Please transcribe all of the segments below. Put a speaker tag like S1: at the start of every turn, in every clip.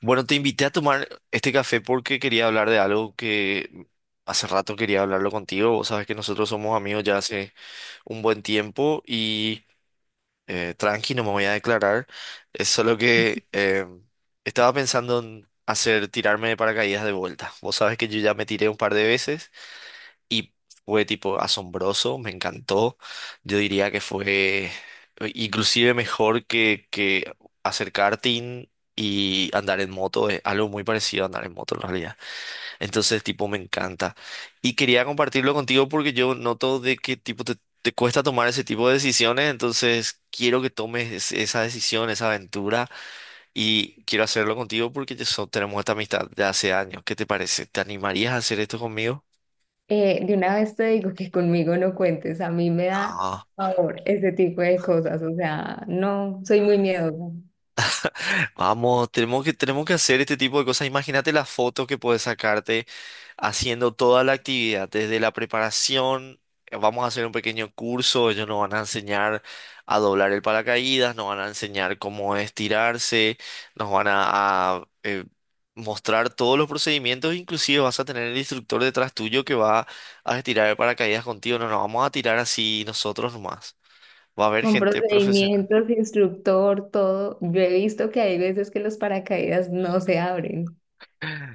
S1: Bueno, te invité a tomar este café porque quería hablar de algo que hace rato quería hablarlo contigo. Vos sabes que nosotros somos amigos ya hace un buen tiempo y tranqui, no me voy a declarar. Es solo que estaba pensando en hacer tirarme de paracaídas de vuelta. Vos sabes que yo ya me tiré un par de veces y fue tipo asombroso, me encantó. Yo diría que fue inclusive mejor que hacer karting y andar en moto. Es algo muy parecido a andar en moto en realidad. Entonces, tipo, me encanta. Y quería compartirlo contigo porque yo noto de que tipo te cuesta tomar ese tipo de decisiones. Entonces, quiero que tomes esa decisión, esa aventura. Y quiero hacerlo contigo porque ya tenemos esta amistad de hace años. ¿Qué te parece? ¿Te animarías a hacer esto conmigo?
S2: De una vez te digo que conmigo no cuentes, a mí me da favor ese tipo de cosas, o sea, no, soy muy miedosa.
S1: Vamos, tenemos que hacer este tipo de cosas. Imagínate las fotos que puedes sacarte haciendo toda la actividad, desde la preparación. Vamos a hacer un pequeño curso, ellos nos van a enseñar a doblar el paracaídas, nos van a enseñar cómo estirarse, nos van a mostrar todos los procedimientos, inclusive vas a tener el instructor detrás tuyo que va a estirar el paracaídas contigo. No nos vamos a tirar así nosotros nomás. Va a haber
S2: Con
S1: gente profesional.
S2: procedimientos, instructor, todo, yo he visto que hay veces que los paracaídas no se abren,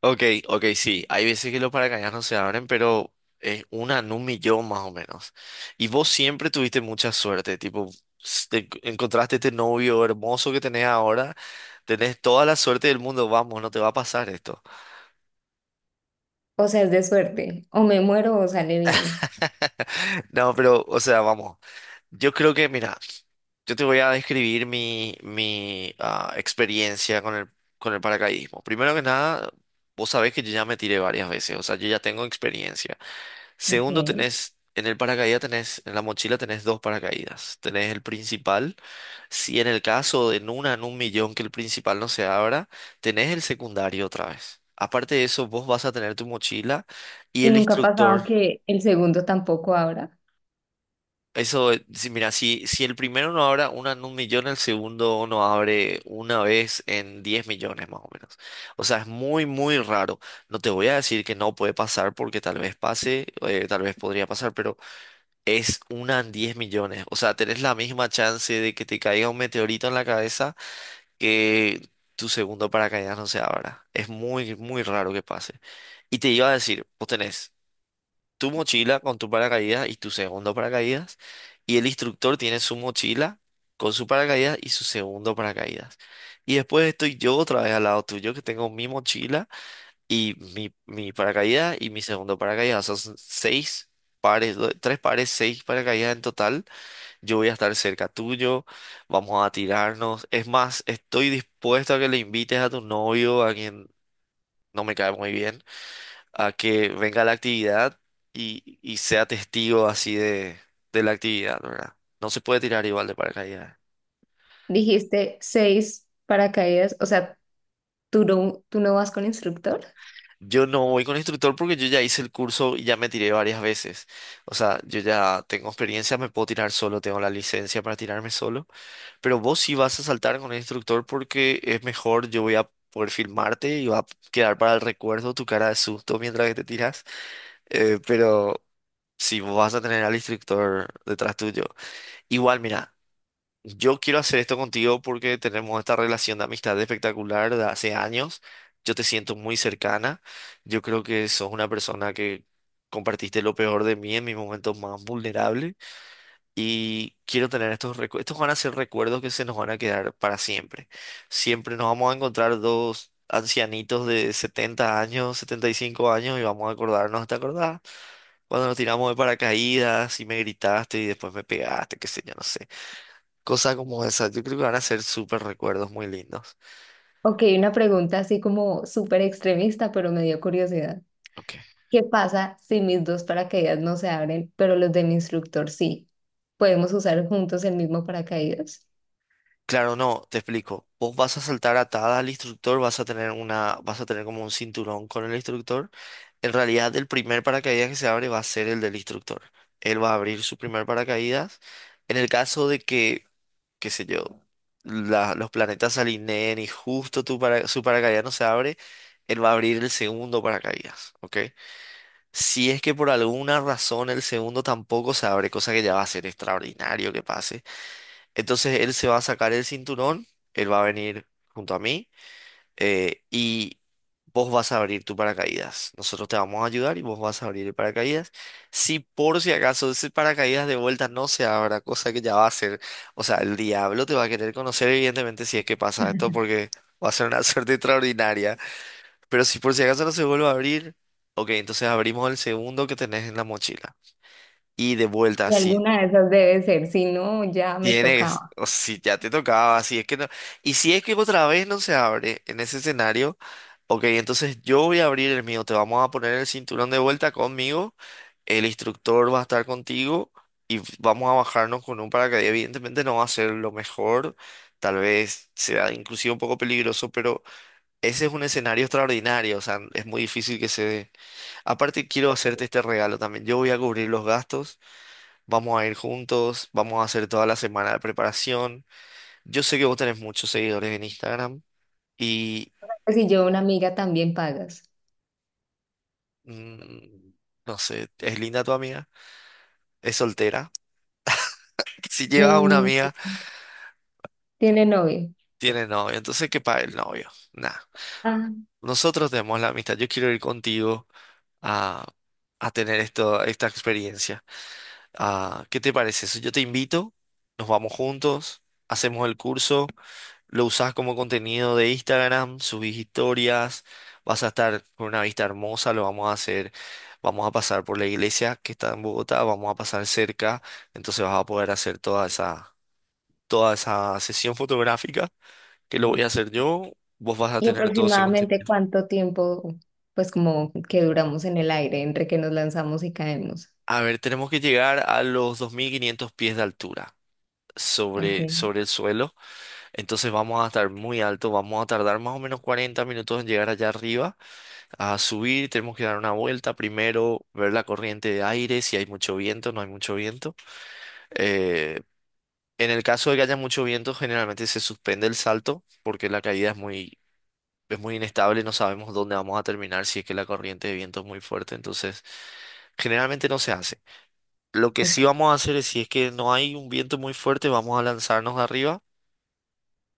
S1: Ok, ok, sí. Hay veces que los paracaídas no se abren, pero es una en un millón más o menos. Y vos siempre tuviste mucha suerte, tipo, encontraste este novio hermoso que tenés ahora, tenés toda la suerte del mundo, vamos, no te va a pasar esto.
S2: o sea, es de suerte, o me muero o sale bien.
S1: No, pero, o sea, vamos, yo creo que, mira, yo te voy a describir mi experiencia con el paracaidismo. Primero que nada, vos sabés que yo ya me tiré varias veces, o sea, yo ya tengo experiencia.
S2: Ok.
S1: Segundo, tenés en el paracaídas, tenés en la mochila, tenés dos paracaídas. Tenés el principal. Si en el caso de en una en un millón que el principal no se abra, tenés el secundario otra vez. Aparte de eso, vos vas a tener tu mochila y
S2: Y
S1: el
S2: nunca ha
S1: instructor.
S2: pasado que el segundo tampoco abra.
S1: Eso, si, mira, si el primero no abre una en un millón, el segundo no abre una vez en 10 millones más o menos. O sea, es muy, muy raro. No te voy a decir que no puede pasar porque tal vez pase, tal vez podría pasar, pero es una en 10 millones. O sea, tenés la misma chance de que te caiga un meteorito en la cabeza que tu segundo paracaídas no se abra. Es muy, muy raro que pase. Y te iba a decir, vos tenés tu mochila con tu paracaídas y tu segundo paracaídas, y el instructor tiene su mochila con su paracaídas y su segundo paracaídas. Y después estoy yo otra vez al lado tuyo, que tengo mi mochila y mi paracaídas y mi segundo paracaídas. O sea, son seis pares, tres pares, seis paracaídas en total. Yo voy a estar cerca tuyo, vamos a tirarnos. Es más, estoy dispuesto a que le invites a tu novio, a quien no me cae muy bien, a que venga a la actividad y sea testigo así de la actividad, ¿verdad? No se puede tirar igual de paracaídas.
S2: Dijiste 6 paracaídas, o sea, ¿tú no vas con instructor?
S1: Yo no voy con instructor porque yo ya hice el curso y ya me tiré varias veces. O sea, yo ya tengo experiencia, me puedo tirar solo, tengo la licencia para tirarme solo. Pero vos sí vas a saltar con el instructor porque es mejor, yo voy a poder filmarte y va a quedar para el recuerdo tu cara de susto mientras que te tiras. Pero sí, vos vas a tener al instructor detrás tuyo. Igual, mira, yo quiero hacer esto contigo porque tenemos esta relación de amistad espectacular de hace años. Yo te siento muy cercana. Yo creo que sos una persona que compartiste lo peor de mí en mis momentos más vulnerables. Y quiero tener estos recuerdos. Estos van a ser recuerdos que se nos van a quedar para siempre. Siempre nos vamos a encontrar dos ancianitos de 70 años, 75 años y vamos a acordarnos, ¿te acordás? Cuando nos tiramos de paracaídas y me gritaste y después me pegaste, qué sé yo, no sé. Cosas como esas, yo creo que van a ser súper recuerdos muy lindos.
S2: Ok, una pregunta así como súper extremista, pero me dio curiosidad.
S1: Ok.
S2: ¿Qué pasa si mis dos paracaídas no se abren, pero los de mi instructor sí? ¿Podemos usar juntos el mismo paracaídas?
S1: Claro, no, te explico. Vos vas a saltar atada al instructor, vas a tener como un cinturón con el instructor. En realidad, el primer paracaídas que se abre va a ser el del instructor. Él va a abrir su primer paracaídas. En el caso de que, qué sé yo, los planetas se alineen y justo su paracaídas no se abre, él va a abrir el segundo paracaídas, ¿ok? Si es que por alguna razón el segundo tampoco se abre, cosa que ya va a ser extraordinario que pase, entonces él se va a sacar el cinturón, él va a venir junto a mí y vos vas a abrir tu paracaídas. Nosotros te vamos a ayudar y vos vas a abrir el paracaídas. Si por si acaso ese paracaídas de vuelta no se abra, cosa que ya va a ser, o sea, el diablo te va a querer conocer evidentemente si es que pasa esto porque va a ser una suerte extraordinaria. Pero si por si acaso no se vuelve a abrir, ok, entonces abrimos el segundo que tenés en la mochila. Y de vuelta. Ujú.
S2: Y
S1: Si
S2: alguna de esas debe ser, si no, ya me
S1: tienes,
S2: tocaba.
S1: o si ya te tocaba, si es que no. Y si es que otra vez no se abre en ese escenario, ok, entonces yo voy a abrir el mío, te vamos a poner el cinturón de vuelta conmigo, el instructor va a estar contigo y vamos a bajarnos con un paracaídas. Evidentemente no va a ser lo mejor, tal vez sea inclusive un poco peligroso, pero ese es un escenario extraordinario, o sea, es muy difícil que se dé. Aparte quiero hacerte este regalo también, yo voy a cubrir los gastos. Vamos a ir juntos, vamos a hacer toda la semana de preparación. Yo sé que vos tenés muchos seguidores en Instagram y
S2: Pues si yo una amiga también pagas.
S1: mm, no sé, es linda tu amiga, es soltera. Si llevas a una
S2: Mm,
S1: amiga,
S2: ¿tiene novio?
S1: tiene novio, entonces que pague el novio. Nada.
S2: Ah,
S1: Nosotros tenemos la amistad. Yo quiero ir contigo a, a tener esta experiencia. Ah, ¿qué te parece eso? Yo te invito, nos vamos juntos, hacemos el curso. Lo usás como contenido de Instagram, subís historias, vas a estar con una vista hermosa, lo vamos a hacer, vamos a pasar por la iglesia que está en Bogotá, vamos a pasar cerca, entonces vas a poder hacer toda esa sesión fotográfica que lo voy a hacer yo, vos vas a
S2: ¿y
S1: tener todo ese
S2: aproximadamente
S1: contenido.
S2: cuánto tiempo, pues como que duramos en el aire entre que nos lanzamos y caemos?
S1: A ver, tenemos que llegar a los 2500 pies de altura. Sobre,
S2: Ok,
S1: sobre el suelo, entonces vamos a estar muy alto, vamos a tardar más o menos 40 minutos en llegar allá arriba. A subir, tenemos que dar una vuelta primero, ver la corriente de aire, si hay mucho viento, no hay mucho viento. Eh, en el caso de que haya mucho viento, generalmente se suspende el salto porque la caída es muy inestable, no sabemos dónde vamos a terminar si es que la corriente de viento es muy fuerte, entonces generalmente no se hace. Lo que
S2: ok,
S1: sí vamos a hacer es, si es que no hay un viento muy fuerte, vamos a lanzarnos de arriba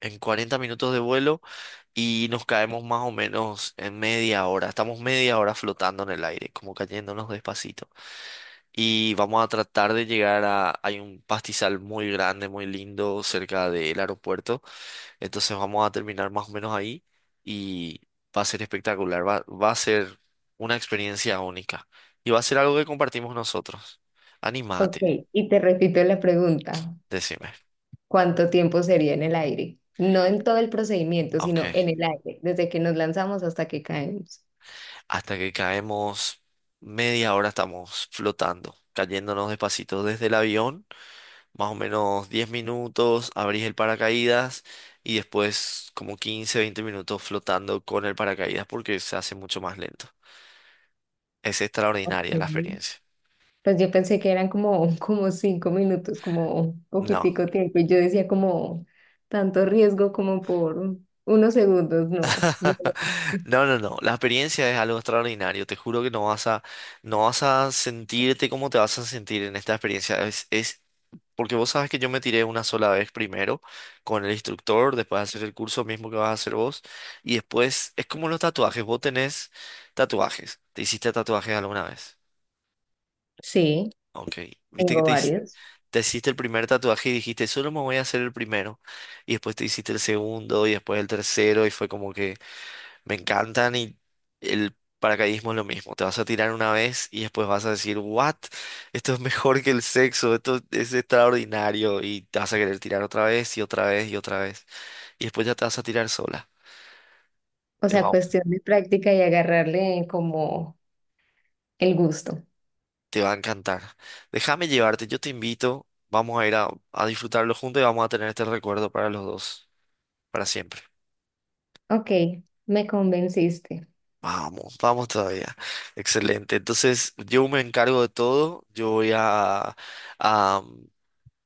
S1: en 40 minutos de vuelo y nos caemos más o menos en media hora. Estamos media hora flotando en el aire, como cayéndonos despacito. Y vamos a tratar de llegar a... Hay un pastizal muy grande, muy lindo cerca del aeropuerto. Entonces vamos a terminar más o menos ahí y va a ser espectacular. Va a ser una experiencia única. Y va a ser algo que compartimos nosotros.
S2: ok.
S1: Anímate,
S2: Y te repito la pregunta.
S1: decime.
S2: ¿Cuánto tiempo sería en el aire? No en todo el procedimiento, sino en
S1: Ok.
S2: el aire, desde que nos lanzamos hasta que caemos.
S1: Hasta que caemos, media hora estamos flotando, cayéndonos despacito desde el avión. Más o menos 10 minutos, abrís el paracaídas y después como 15 20 minutos flotando con el paracaídas porque se hace mucho más lento. Es extraordinaria la
S2: Ok.
S1: experiencia.
S2: Pues yo pensé que eran como, como 5 minutos, como un
S1: No,
S2: poquitico tiempo, y yo decía como tanto riesgo como por unos segundos, no, no.
S1: no, no, no. La experiencia es algo extraordinario. Te juro que no vas a sentirte como te vas a sentir en esta experiencia. Es porque vos sabes que yo me tiré una sola vez primero con el instructor, después hacer el curso mismo que vas a hacer vos y después es como los tatuajes. Vos tenés tatuajes. ¿Te hiciste tatuajes alguna vez?
S2: Sí,
S1: Ok, viste que
S2: tengo varios.
S1: te hiciste el primer tatuaje y dijiste, solo me voy a hacer el primero. Y después te hiciste el segundo y después el tercero y fue como que me encantan y el paracaidismo es lo mismo. Te vas a tirar una vez y después vas a decir, ¿what? Esto es mejor que el sexo, esto es extraordinario y te vas a querer tirar otra vez y otra vez y otra vez. Y después ya te vas a tirar sola.
S2: O
S1: Y
S2: sea,
S1: wao,
S2: cuestión de práctica y agarrarle como el gusto.
S1: te va a encantar. Déjame llevarte, yo te invito. Vamos a ir a disfrutarlo juntos y vamos a tener este recuerdo para los dos, para siempre.
S2: Ok, me convenciste.
S1: Vamos, vamos todavía. Excelente. Entonces, yo me encargo de todo. Yo voy a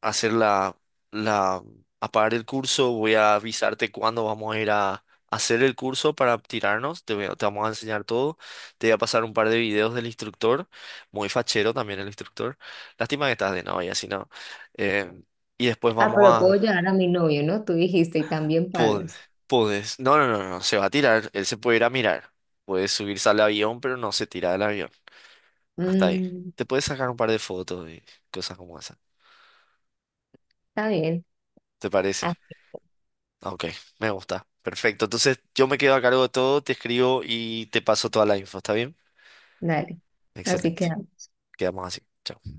S1: hacer la, la, a pagar el curso. Voy a avisarte cuándo vamos a ir a hacer el curso para tirarnos. Te vamos a enseñar todo. Te voy a pasar un par de videos del instructor. Muy fachero también el instructor. Lástima que estás de novia, si no. Eh, y después
S2: Ah,
S1: vamos
S2: pero puedo
S1: a...
S2: llevar a mi novio, ¿no? Tú dijiste y también
S1: pod-
S2: pagas.
S1: Podés. No, no, no, no. Se va a tirar. Él se puede ir a mirar. Puede subirse al avión, pero no se tira del avión. Hasta ahí.
S2: Mm,
S1: Te puedes sacar un par de fotos y cosas como esas.
S2: está bien.
S1: ¿Te parece?
S2: Ah,
S1: Ah, ok, me gusta. Perfecto. Entonces yo me quedo a cargo de todo, te escribo y te paso toda la info, ¿está bien?
S2: dale. Así
S1: Excelente.
S2: que.
S1: Quedamos así. Chao.